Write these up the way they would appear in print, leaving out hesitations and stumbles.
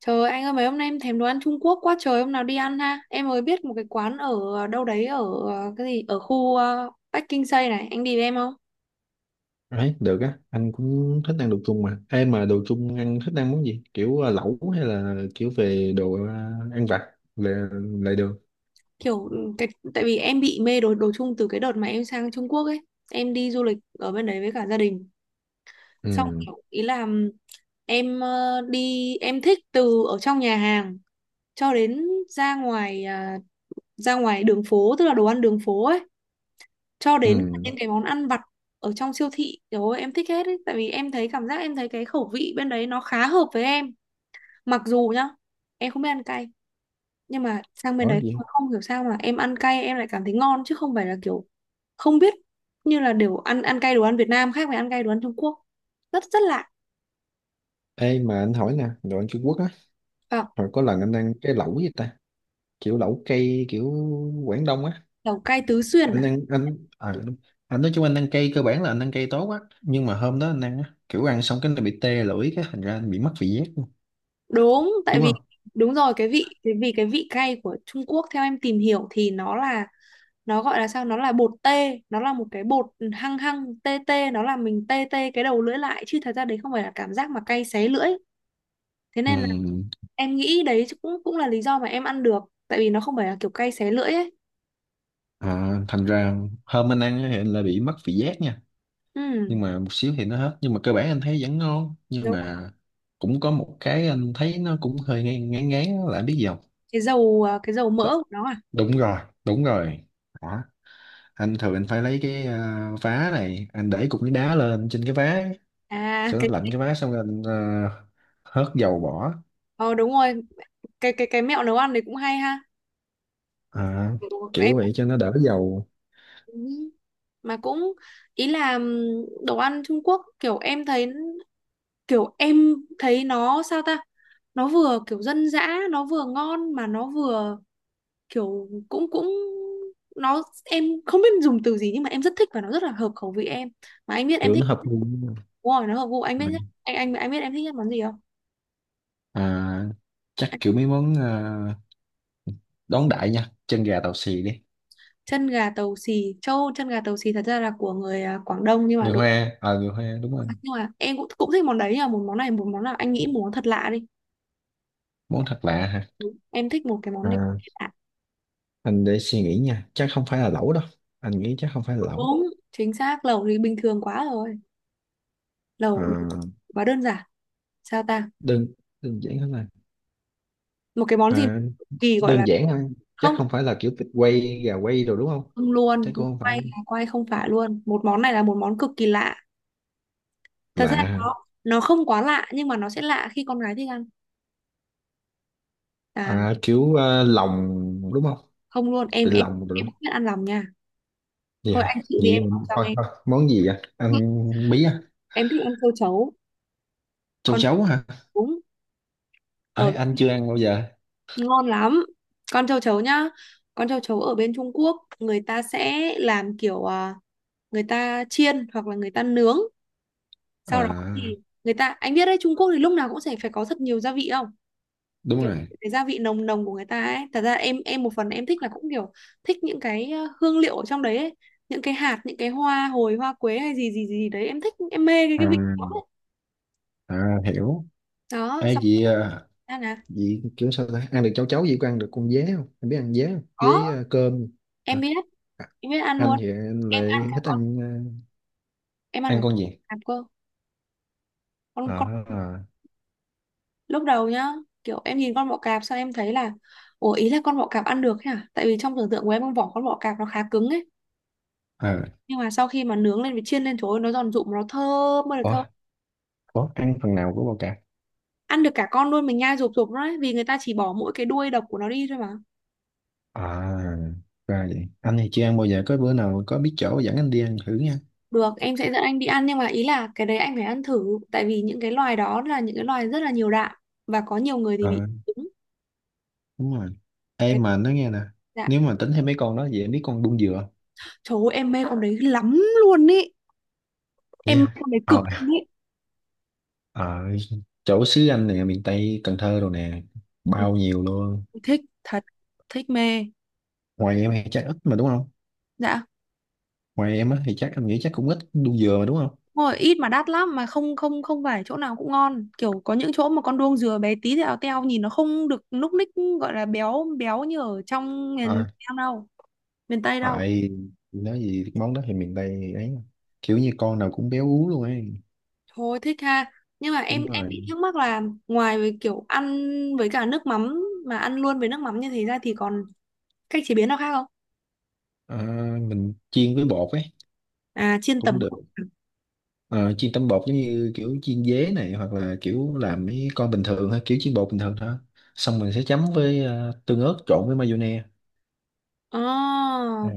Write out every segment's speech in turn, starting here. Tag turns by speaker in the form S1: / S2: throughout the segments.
S1: Trời ơi, anh ơi, mấy hôm nay em thèm đồ ăn Trung Quốc quá trời, hôm nào đi ăn ha. Em mới biết một cái quán ở đâu đấy, ở cái gì, ở khu Bắc Kinh Tây này, anh đi với em không?
S2: Đấy, được á, anh cũng thích ăn đồ Trung mà. Em mà đồ Trung ăn thích ăn món gì? Kiểu lẩu hay là kiểu về ăn vặt là lại được.
S1: Kiểu ừ, cái tại vì em bị mê đồ đồ Trung từ cái đợt mà em sang Trung Quốc ấy. Em đi du lịch ở bên đấy với cả gia đình. Xong
S2: Ừ,
S1: kiểu ý là em ờ, đi em thích từ ở trong nhà hàng cho đến ra ngoài đường phố, tức là đồ ăn đường phố ấy, cho đến
S2: ừ,
S1: những cái món ăn vặt ở trong siêu thị, rồi em thích hết ấy. Tại vì em thấy cảm giác, em thấy cái khẩu vị bên đấy nó khá hợp với em. Mặc dù nhá, em không biết ăn cay, nhưng mà sang bên
S2: đó
S1: đấy
S2: gì?
S1: không hiểu sao mà em ăn cay em lại cảm thấy ngon, chứ không phải là kiểu không biết, như là đều ăn ăn cay đồ ăn Việt Nam khác với ăn cay đồ ăn Trung Quốc, rất rất lạ.
S2: Ê mà anh hỏi nè, đồ ăn Trung Quốc á,
S1: À,
S2: hồi có lần anh ăn cái lẩu gì ta? Kiểu lẩu cây kiểu Quảng Đông á.
S1: lẩu cay Tứ Xuyên
S2: Anh
S1: à.
S2: ăn đúng. Anh nói chung anh ăn cây cơ bản là anh ăn cây tốt á, nhưng mà hôm đó anh ăn á, kiểu ăn xong cái nó bị tê lưỡi cái thành ra anh bị mất vị giác luôn.
S1: Đúng, tại
S2: Đúng
S1: vì
S2: không?
S1: đúng rồi, cái vị cay của Trung Quốc, theo em tìm hiểu thì nó gọi là sao, nó là bột tê, nó là một cái bột hăng hăng tê tê, nó làm mình tê tê cái đầu lưỡi lại, chứ thật ra đấy không phải là cảm giác mà cay xé lưỡi. Thế
S2: Ừ.
S1: nên là em nghĩ đấy cũng cũng là lý do mà em ăn được, tại vì nó không phải là kiểu cay xé lưỡi ấy.
S2: À, thành ra hôm anh ăn á thì anh là bị mất vị giác nha, nhưng
S1: Ừ,
S2: mà một xíu thì nó hết, nhưng mà cơ bản anh thấy vẫn ngon, nhưng
S1: đúng rồi.
S2: mà cũng có một cái anh thấy nó cũng hơi ngán ngán ngán á, là anh biết gì không?
S1: Cái dầu
S2: Đ-
S1: mỡ của nó à.
S2: Đúng rồi, đúng rồi, đó. Anh thường anh phải lấy cái vá này, anh để cục nước đá lên trên cái vá
S1: À
S2: cho nó
S1: cái
S2: lạnh cái vá, xong rồi anh hớt dầu bỏ.
S1: ờ Đúng rồi. Cái mẹo nấu ăn đấy cũng hay ha.
S2: à,
S1: Kiểu em
S2: Kiểu vậy cho nó đỡ dầu.
S1: cũng- mà cũng ý là, đồ ăn Trung Quốc kiểu em thấy, nó sao ta, nó vừa kiểu dân dã, nó vừa ngon, mà nó vừa kiểu cũng cũng, nó em không biết dùng từ gì, nhưng mà em rất thích và nó rất là hợp khẩu vị em. Mà anh biết em
S2: Kiểu nó
S1: thích.
S2: hợp gu.
S1: Đúng rồi, nó hợp gu. Anh
S2: Ừ.
S1: biết nhất, anh biết em thích nhất món gì không?
S2: à, Chắc
S1: Anh-
S2: kiểu mấy món, đón đại nha, chân gà tàu xì đi.
S1: Chân gà tàu xì, thật ra là của người, à, Quảng Đông, nhưng mà
S2: Người
S1: đúng.
S2: hoa, ờ, người hoa đúng rồi.
S1: Nhưng mà em cũng cũng thích món đấy, nhưng một món này, một món nào anh nghĩ một món thật lạ đi.
S2: Món thật lạ
S1: Đúng. Em thích một cái món này
S2: hả?
S1: lạ.
S2: Anh để suy nghĩ nha, chắc không phải là lẩu đâu. Anh nghĩ chắc không phải là lẩu.
S1: Đúng, chính xác, lẩu thì bình thường quá rồi,
S2: À,
S1: lẩu quá đơn giản. Sao ta,
S2: đơn Đơn giản hơn là.
S1: một cái món gì
S2: à,
S1: kỳ gọi là,
S2: đơn giản ha. Chắc
S1: không.
S2: không phải là kiểu vịt quay gà quay rồi đúng không?
S1: Không
S2: Chắc
S1: luôn,
S2: cũng không
S1: quay
S2: phải.
S1: là quay, không phải luôn. Một món này là một món cực kỳ lạ, thật
S2: Lạ
S1: ra
S2: ha.
S1: nó không quá lạ, nhưng mà nó sẽ lạ khi con gái thích ăn. À,
S2: Lòng đúng không?
S1: không luôn, em
S2: Vịt
S1: em
S2: lòng rồi
S1: em
S2: đúng.
S1: không biết ăn lòng nha. Thôi
S2: Dạ
S1: anh chịu đi,
S2: vậy
S1: em không sao
S2: thôi
S1: nghe.
S2: thôi, món gì vậy, ăn bí à?
S1: Em thích ăn châu chấu.
S2: Châu
S1: Con,
S2: chấu hả?
S1: đúng, ở,
S2: Ấy anh chưa ăn bao giờ.
S1: ngon lắm. Con châu chấu nhá, con châu chấu ở bên Trung Quốc người ta sẽ làm kiểu người ta chiên hoặc là người ta nướng. Sau đó thì
S2: à
S1: người ta, anh biết đấy, Trung Quốc thì lúc nào cũng sẽ phải có thật nhiều gia vị không.
S2: Đúng rồi.
S1: Cái gia vị nồng nồng của người ta ấy, thật ra em một phần em thích là cũng kiểu thích những cái hương liệu ở trong đấy ấy. Những cái hạt, những cái hoa hồi, hoa quế, hay gì gì gì đấy, em thích, em mê cái
S2: à,
S1: cái vị đó ấy.
S2: Hiểu.
S1: Đó
S2: Ê,
S1: xong
S2: vậy.
S1: ra là
S2: Vậy kiểu sao ta? Ăn được cháo cháo vậy có ăn được con dế không? Em biết ăn dế không?
S1: có.
S2: Dế cơm.
S1: Em
S2: Hả?
S1: biết,
S2: À,
S1: em biết ăn
S2: anh
S1: luôn,
S2: thì anh
S1: em ăn
S2: lại
S1: cả
S2: thích
S1: con,
S2: ăn ờ,
S1: em ăn cả
S2: Ăn
S1: con
S2: con gì?
S1: cạp cơ. Con
S2: À,
S1: Lúc đầu nhá, kiểu em nhìn con bọ cạp, sao em thấy là ủa, ý là con bọ cạp ăn được thế à, tại vì trong tưởng tượng của em con vỏ con bọ cạp nó khá cứng ấy,
S2: à.
S1: nhưng mà sau khi mà nướng lên với chiên lên, trời ơi nó giòn rụm, nó thơm ơi là
S2: Ủa,
S1: thơm.
S2: ủa, ăn phần nào của bò cạp?
S1: Ăn được cả con luôn, mình nhai rụp rụp đấy, vì người ta chỉ bỏ mỗi cái đuôi độc của nó đi thôi mà.
S2: À, ra vậy. Anh thì chưa ăn bao giờ. Có bữa nào có biết chỗ dẫn anh đi ăn thử nha.
S1: Được, em sẽ dẫn anh đi ăn, nhưng mà ý là cái đấy anh phải ăn thử, tại vì những cái loài đó là những cái loài rất là nhiều đạm, và có nhiều người thì
S2: Ờ,
S1: bị trúng
S2: đúng rồi. Ê
S1: cái
S2: mà nói nghe nè.
S1: đạm.
S2: Nếu mà tính thêm mấy con đó, vậy em biết con đung dừa không?
S1: Trời ơi, em mê con đấy lắm luôn ý, em mê
S2: Yeah.
S1: con đấy cực
S2: Ờ,
S1: luôn ý.
S2: ờ, Chỗ xứ anh nè, miền Tây, Cần Thơ rồi nè.
S1: Ừ,
S2: Bao nhiêu luôn.
S1: thích thật, thích mê.
S2: Ngoài em hay trái ít mà đúng không?
S1: Dạ.
S2: Ngoài em á thì chắc em nghĩ chắc cũng ít đu dừa mà đúng không?
S1: Rồi, ít mà đắt lắm mà. Không, không phải chỗ nào cũng ngon, kiểu có những chỗ mà con đuông dừa bé tí, thì ao teo, nhìn nó không được núc ních, gọi là béo béo như ở trong miền
S2: À
S1: Nam đâu, miền Tây đâu.
S2: tại, nói gì cái món đó thì miền Tây ấy mà. Kiểu như con nào cũng béo ú luôn ấy.
S1: Thôi thích ha. Nhưng mà em
S2: Đúng
S1: em
S2: rồi.
S1: bị thắc mắc là ngoài với kiểu ăn với cả nước mắm, mà ăn luôn với nước mắm như thế ra, thì còn cách chế biến nào khác không?
S2: à, mình chiên với bột ấy
S1: À, chiên
S2: cũng
S1: tẩm.
S2: được. Ờ, chiên tấm bột giống như kiểu chiên dế này, hoặc là kiểu làm mấy con bình thường ha, kiểu chiên bột bình thường thôi. Xong mình sẽ chấm với tương ớt trộn với mayonnaise.
S1: Ờ,
S2: à,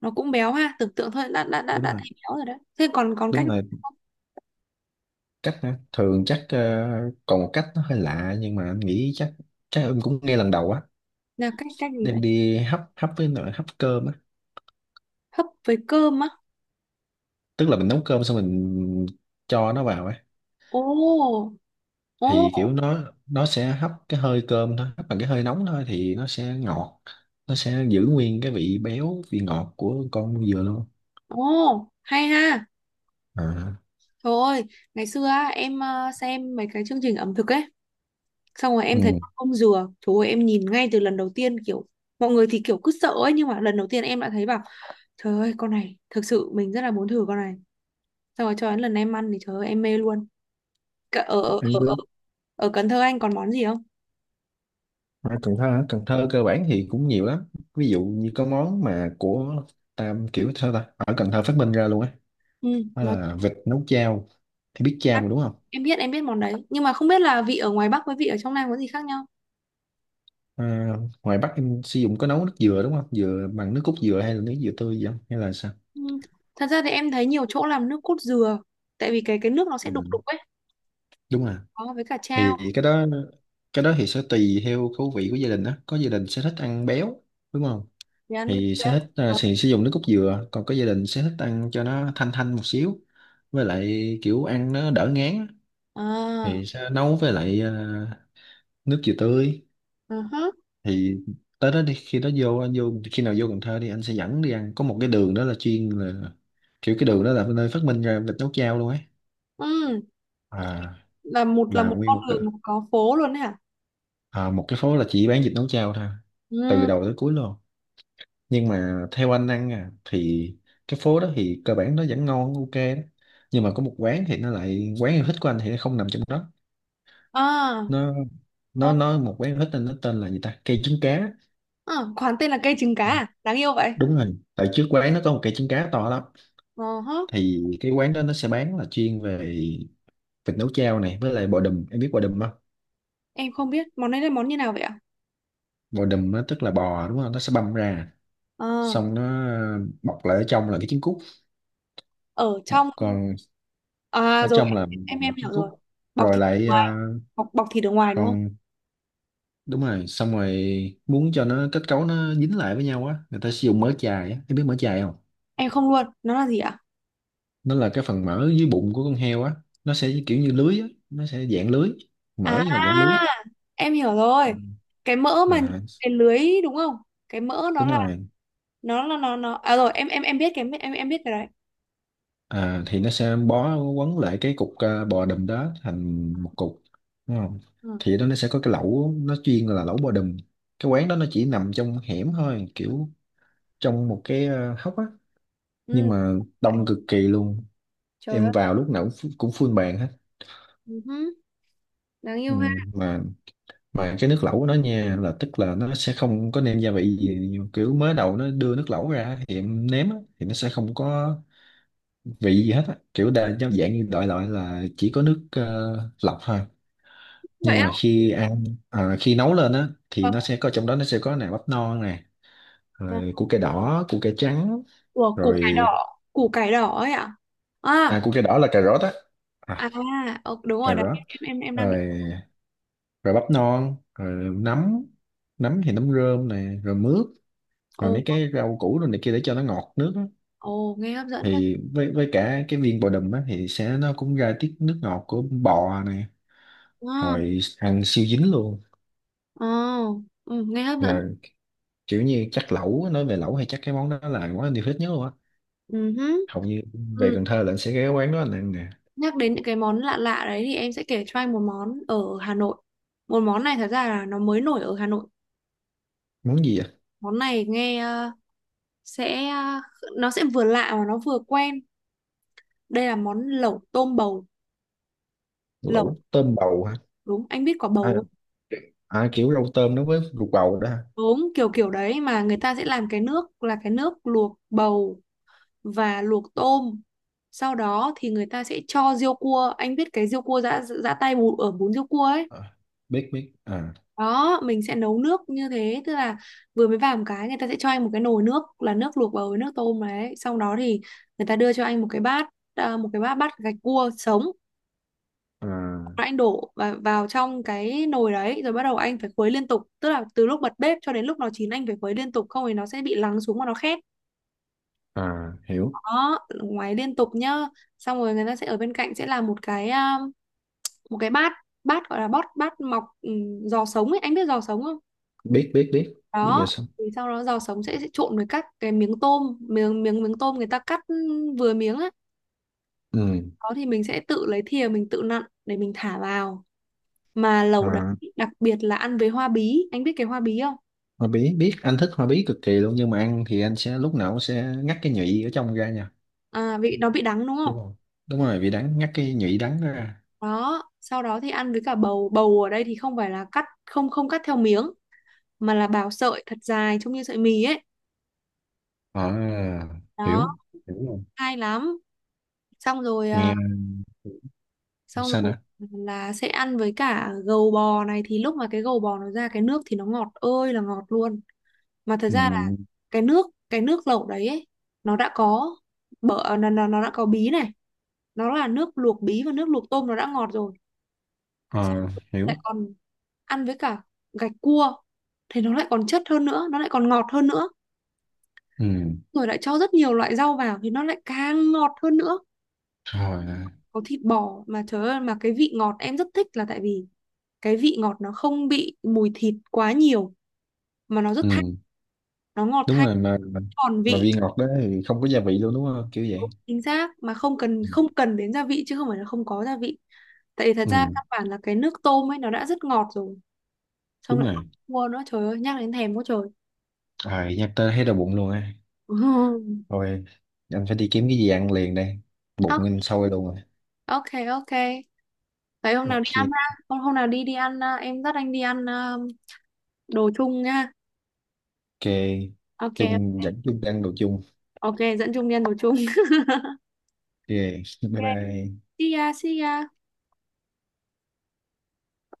S1: nó cũng béo ha, tưởng tượng thôi đã đã đã
S2: Đúng
S1: đã
S2: rồi,
S1: thấy béo rồi đấy. Thế còn còn cách
S2: đúng rồi. Cách hả? Thường chắc ờ, còn một cách nó hơi lạ, nhưng mà anh nghĩ chắc chắc em cũng nghe lần đầu á.
S1: là cách, cách gì vậy?
S2: Đem đi hấp, hấp với nồi hấp cơm á.
S1: Hấp với cơm á.
S2: Tức là mình nấu cơm xong mình cho nó vào ấy.
S1: Ồ,
S2: Thì
S1: ồ.
S2: kiểu nó sẽ hấp cái hơi cơm thôi, hấp bằng cái hơi nóng thôi, thì nó sẽ ngọt. Nó sẽ giữ nguyên cái vị béo vị ngọt của con dừa luôn.
S1: Ồ, hay ha.
S2: À,
S1: Trời ơi, ngày xưa á, em xem mấy cái chương trình ẩm thực ấy, xong rồi em thấy
S2: ừ.
S1: ông dừa, trời ơi em nhìn ngay từ lần đầu tiên kiểu mọi người thì kiểu cứ sợ ấy, nhưng mà lần đầu tiên em đã thấy bảo trời ơi con này thực sự mình rất là muốn thử con này. Xong rồi cho đến lần em ăn thì trời ơi em mê luôn. Ở ở
S2: Em
S1: ở
S2: cứ
S1: ở, Ở Cần Thơ anh còn món gì không?
S2: ở Cần Thơ hả? Cần Thơ cơ bản thì cũng nhiều lắm. Ví dụ như có món mà của Tam, kiểu sao ta, ở Cần Thơ phát minh ra luôn ấy.
S1: Ừ,
S2: Đó
S1: món
S2: là vịt nấu chao. Thì biết chao mà đúng không?
S1: em biết, em biết món đấy, nhưng mà không biết là vị ở ngoài Bắc với vị ở trong Nam có gì khác nhau.
S2: à, Ngoài Bắc em sử dụng có nấu nước dừa đúng không, dừa bằng nước cốt dừa hay là nước dừa tươi gì không hay là sao?
S1: Ừ. Thật ra thì em thấy nhiều chỗ làm nước cốt dừa, tại vì cái nước nó sẽ đục
S2: Ừ.
S1: đục ấy.
S2: Đúng rồi.
S1: Có, với cả trao
S2: Cái đó cái đó thì sẽ tùy theo khẩu vị của gia đình đó, có gia đình sẽ thích ăn béo đúng không,
S1: thì ăn luôn.
S2: thì sẽ thích
S1: Ờ.
S2: thì sử dụng nước cốt dừa, còn có gia đình sẽ thích ăn cho nó thanh thanh một xíu, với lại kiểu ăn nó đỡ ngán á,
S1: À,
S2: thì sẽ nấu với lại nước dừa tươi.
S1: ừ hứ.
S2: Thì tới đó đi, khi đó vô, anh vô khi nào vô Cần Thơ đi anh sẽ dẫn đi ăn, có một cái đường đó là chuyên là kiểu, cái đường đó là nơi phát minh ra vịt nấu chao luôn ấy.
S1: Ừ,
S2: À
S1: là
S2: là
S1: một
S2: nguyên
S1: con
S2: một đường,
S1: đường có phố luôn đấy hả.
S2: à, một cái phố là chỉ bán vịt nấu chao thôi, từ
S1: Ừ.
S2: đầu tới cuối luôn. Nhưng mà theo anh ăn à thì cái phố đó thì cơ bản nó vẫn ngon ok đó, nhưng mà có một quán thì nó lại quán yêu thích của anh thì nó không nằm trong đó.
S1: À,
S2: nó nó
S1: ok.
S2: nó một quán yêu thích nên nó tên là gì ta, cây trứng cá.
S1: À, quán tên là cây trứng cá à, đáng yêu vậy.
S2: Đúng rồi, tại trước quán nó có một cây trứng cá to lắm.
S1: Ờ hứ.
S2: Thì cái quán đó nó sẽ bán là chuyên về vịt nấu chao này với lại bò đùm, em biết bò đùm không?
S1: Em không biết món này là món như nào vậy ạ.
S2: Bò đùm nó tức là bò đúng không, nó sẽ băm ra,
S1: Ờ,
S2: xong nó bọc lại, ở trong là cái trứng cút.
S1: ở trong,
S2: Còn
S1: à
S2: ở
S1: rồi
S2: trong là một
S1: em hiểu
S2: trứng cút.
S1: rồi. Bọc
S2: rồi
S1: thịt ở
S2: lại
S1: ngoài,
S2: à,
S1: bọc bọc thịt ở ngoài đúng không?
S2: còn đúng rồi, xong rồi muốn cho nó kết cấu nó dính lại với nhau á, người ta sử dụng mỡ chài á, em biết mỡ chài không?
S1: Em không luôn, nó là gì ạ?
S2: Nó là cái phần mỡ dưới bụng của con heo á, nó sẽ kiểu như lưới á, nó sẽ dạng lưới,
S1: À,
S2: mỡ nhưng mà dạng lưới.
S1: em hiểu
S2: Ừ.
S1: rồi, cái mỡ mà nhìn
S2: à,
S1: cái lưới đúng không? Cái mỡ nó
S2: Đúng
S1: là
S2: rồi.
S1: nó là nó à rồi em biết cái, biết cái đấy.
S2: Thì nó sẽ bó quấn lại cái cục bò đùm đó thành một cục đúng không,
S1: Ờ,
S2: thì đó nó sẽ có cái lẩu nó chuyên là lẩu bò đùm. Cái quán đó nó chỉ nằm trong hẻm thôi, kiểu trong một cái hốc á, nhưng
S1: ừ,
S2: mà
S1: vậy.
S2: đông cực kỳ luôn.
S1: Trời
S2: Em
S1: ơi.
S2: vào lúc nào cũng, cũng full bàn hết.
S1: Ừ, hứ. Đáng yêu
S2: Ừ,
S1: ha.
S2: mà mà cái nước lẩu của nó nha là tức là nó sẽ không có nêm gia vị gì, kiểu mới đầu nó đưa nước lẩu ra thì em nếm á, thì nó sẽ không có vị gì hết á, kiểu đa giống dạng như đại loại là chỉ có nước lọc thôi.
S1: Vậy
S2: Nhưng
S1: á.
S2: mà khi ăn, à, khi nấu lên á thì
S1: Ờ,
S2: nó sẽ có trong đó, nó sẽ có nè bắp non nè,
S1: ờ.
S2: rồi củ cây đỏ củ cây trắng
S1: Ủa, củ cải
S2: rồi.
S1: đỏ. Củ cải đỏ ấy ạ? À,
S2: À củ cây đỏ là cà rốt á.
S1: à,
S2: À,
S1: đúng rồi
S2: cà
S1: đấy.
S2: rốt.
S1: Em đang định.
S2: Rồi rồi bắp non rồi nấm, nấm thì nấm rơm nè, rồi mướp,
S1: Ồ,
S2: rồi mấy cái rau củ rồi này kia để cho nó ngọt nước á.
S1: ồ, nghe hấp dẫn quá.
S2: Thì với cả cái viên bò đùm á thì sẽ nó cũng ra tiết nước ngọt của bò này,
S1: À,
S2: hồi ăn siêu dính luôn.
S1: ồ, ừ, nghe hấp dẫn.
S2: Là kiểu như chắc lẩu á, nói về lẩu hay chắc cái món đó là món anh yêu thích nhất luôn á,
S1: Ừ, hứ.
S2: hầu như về
S1: Ừ.
S2: Cần Thơ là anh sẽ ghé quán đó anh ăn nè.
S1: Nhắc đến những cái món lạ lạ đấy thì em sẽ kể cho anh một món ở Hà Nội. Một món này thật ra là nó mới nổi ở Hà Nội.
S2: Món gì vậy?
S1: Món này nghe sẽ, nó sẽ vừa lạ mà nó vừa quen. Đây là món lẩu tôm bầu. Lẩu,
S2: Lẩu tôm bầu hả?
S1: đúng, anh biết quả bầu
S2: à,
S1: không?
S2: à kiểu rau tôm nó với ruột bầu đó hả?
S1: Đúng, kiểu kiểu đấy, mà người ta sẽ làm cái nước là cái nước luộc bầu và luộc tôm. Sau đó thì người ta sẽ cho riêu cua, anh biết cái riêu cua giã giã tay bù, ở bún riêu cua ấy.
S2: À, biết biết. à,
S1: Đó, mình sẽ nấu nước như thế, tức là vừa mới vào một cái, người ta sẽ cho anh một cái nồi nước, là nước luộc bầu với nước tôm đấy, xong đó thì người ta đưa cho anh một cái bát, bát gạch cua sống. Rồi
S2: à
S1: anh đổ và vào trong cái nồi đấy, rồi bắt đầu anh phải khuấy liên tục, tức là từ lúc bật bếp cho đến lúc nó chín anh phải khuấy liên tục, không thì nó sẽ bị lắng xuống mà nó khét.
S2: à hiểu.
S1: Đó, ngoáy liên tục nhá. Xong rồi người ta sẽ ở bên cạnh sẽ làm một một cái bát, gọi là bót bát mọc, giò sống ấy, anh biết giò sống không?
S2: Biết biết biết, biết giờ
S1: Đó,
S2: xong.
S1: thì sau đó giò sống sẽ trộn với các cái miếng tôm, miếng miếng miếng tôm người ta cắt, vừa miếng á.
S2: Ừ,
S1: Đó thì mình sẽ tự lấy thìa mình tự nặn để mình thả vào mà lẩu đấy.
S2: à.
S1: Đặc biệt là ăn với hoa bí, anh biết cái hoa bí không?
S2: Hoa bí biết, anh thích hoa bí cực kỳ luôn, nhưng mà ăn thì anh sẽ lúc nào cũng sẽ ngắt cái nhụy ở trong ra nha.
S1: À, vị nó bị đắng đúng
S2: Đúng
S1: không?
S2: không, đúng rồi, vị đắng, ngắt cái nhụy đắng đó ra.
S1: Đó, sau đó thì ăn với cả bầu. Bầu ở đây thì không phải là cắt, không không cắt theo miếng, mà là bào sợi thật dài trông như sợi mì ấy.
S2: À,
S1: Đó,
S2: hiểu, hiểu luôn.
S1: hay lắm. Xong rồi,
S2: Nghe
S1: xong
S2: sao
S1: rồi
S2: nữa?
S1: là sẽ ăn với cả gầu bò này, thì lúc mà cái gầu bò nó ra cái nước thì nó ngọt ơi là ngọt luôn. Mà thật ra là
S2: ừ,
S1: cái nước lẩu đấy ấy, nó đã có bở nó đã có bí này, nó là nước luộc bí và nước luộc tôm nó đã ngọt rồi, xong
S2: ờ,
S1: lại
S2: Hiểu.
S1: còn ăn với cả gạch cua thì nó lại còn chất hơn nữa, nó lại còn ngọt hơn nữa,
S2: Ừ,
S1: rồi lại cho rất nhiều loại rau vào thì nó lại càng ngọt hơn nữa.
S2: rồi.
S1: Có thịt bò mà trời ơi, mà cái vị ngọt em rất thích là tại vì cái vị ngọt nó không bị mùi thịt quá nhiều, mà nó rất thanh,
S2: Ừ,
S1: nó ngọt
S2: đúng
S1: thanh,
S2: rồi. mà
S1: tròn
S2: mà
S1: vị.
S2: vị ngọt đó thì không có gia vị luôn đúng không, kiểu
S1: Đúng,
S2: vậy.
S1: chính xác, mà
S2: Ừ,
S1: không cần đến gia vị, chứ không phải là không có gia vị. Tại vì thật ra
S2: ừ,
S1: căn bản là cái nước tôm ấy nó đã rất ngọt rồi, xong
S2: đúng
S1: lại còn
S2: rồi.
S1: cua nữa, trời ơi nhắc đến thèm quá trời.
S2: À, nhắc tới thấy đau bụng luôn á. Thôi anh phải đi kiếm cái gì ăn liền đây,
S1: À,
S2: bụng anh sôi luôn rồi.
S1: ok, ok. Vậy hôm nào đi ăn ha.
S2: Ok,
S1: Hôm hôm nào đi đi ăn, à, em dắt anh đi ăn, à, đồ chung nha.
S2: ok.
S1: Ok,
S2: Chung dẫn chung đang đồ chung.
S1: ok, dẫn Trung đi ăn đồ chung.
S2: Ok, bye
S1: Ok.
S2: bye.
S1: See ya, see ya.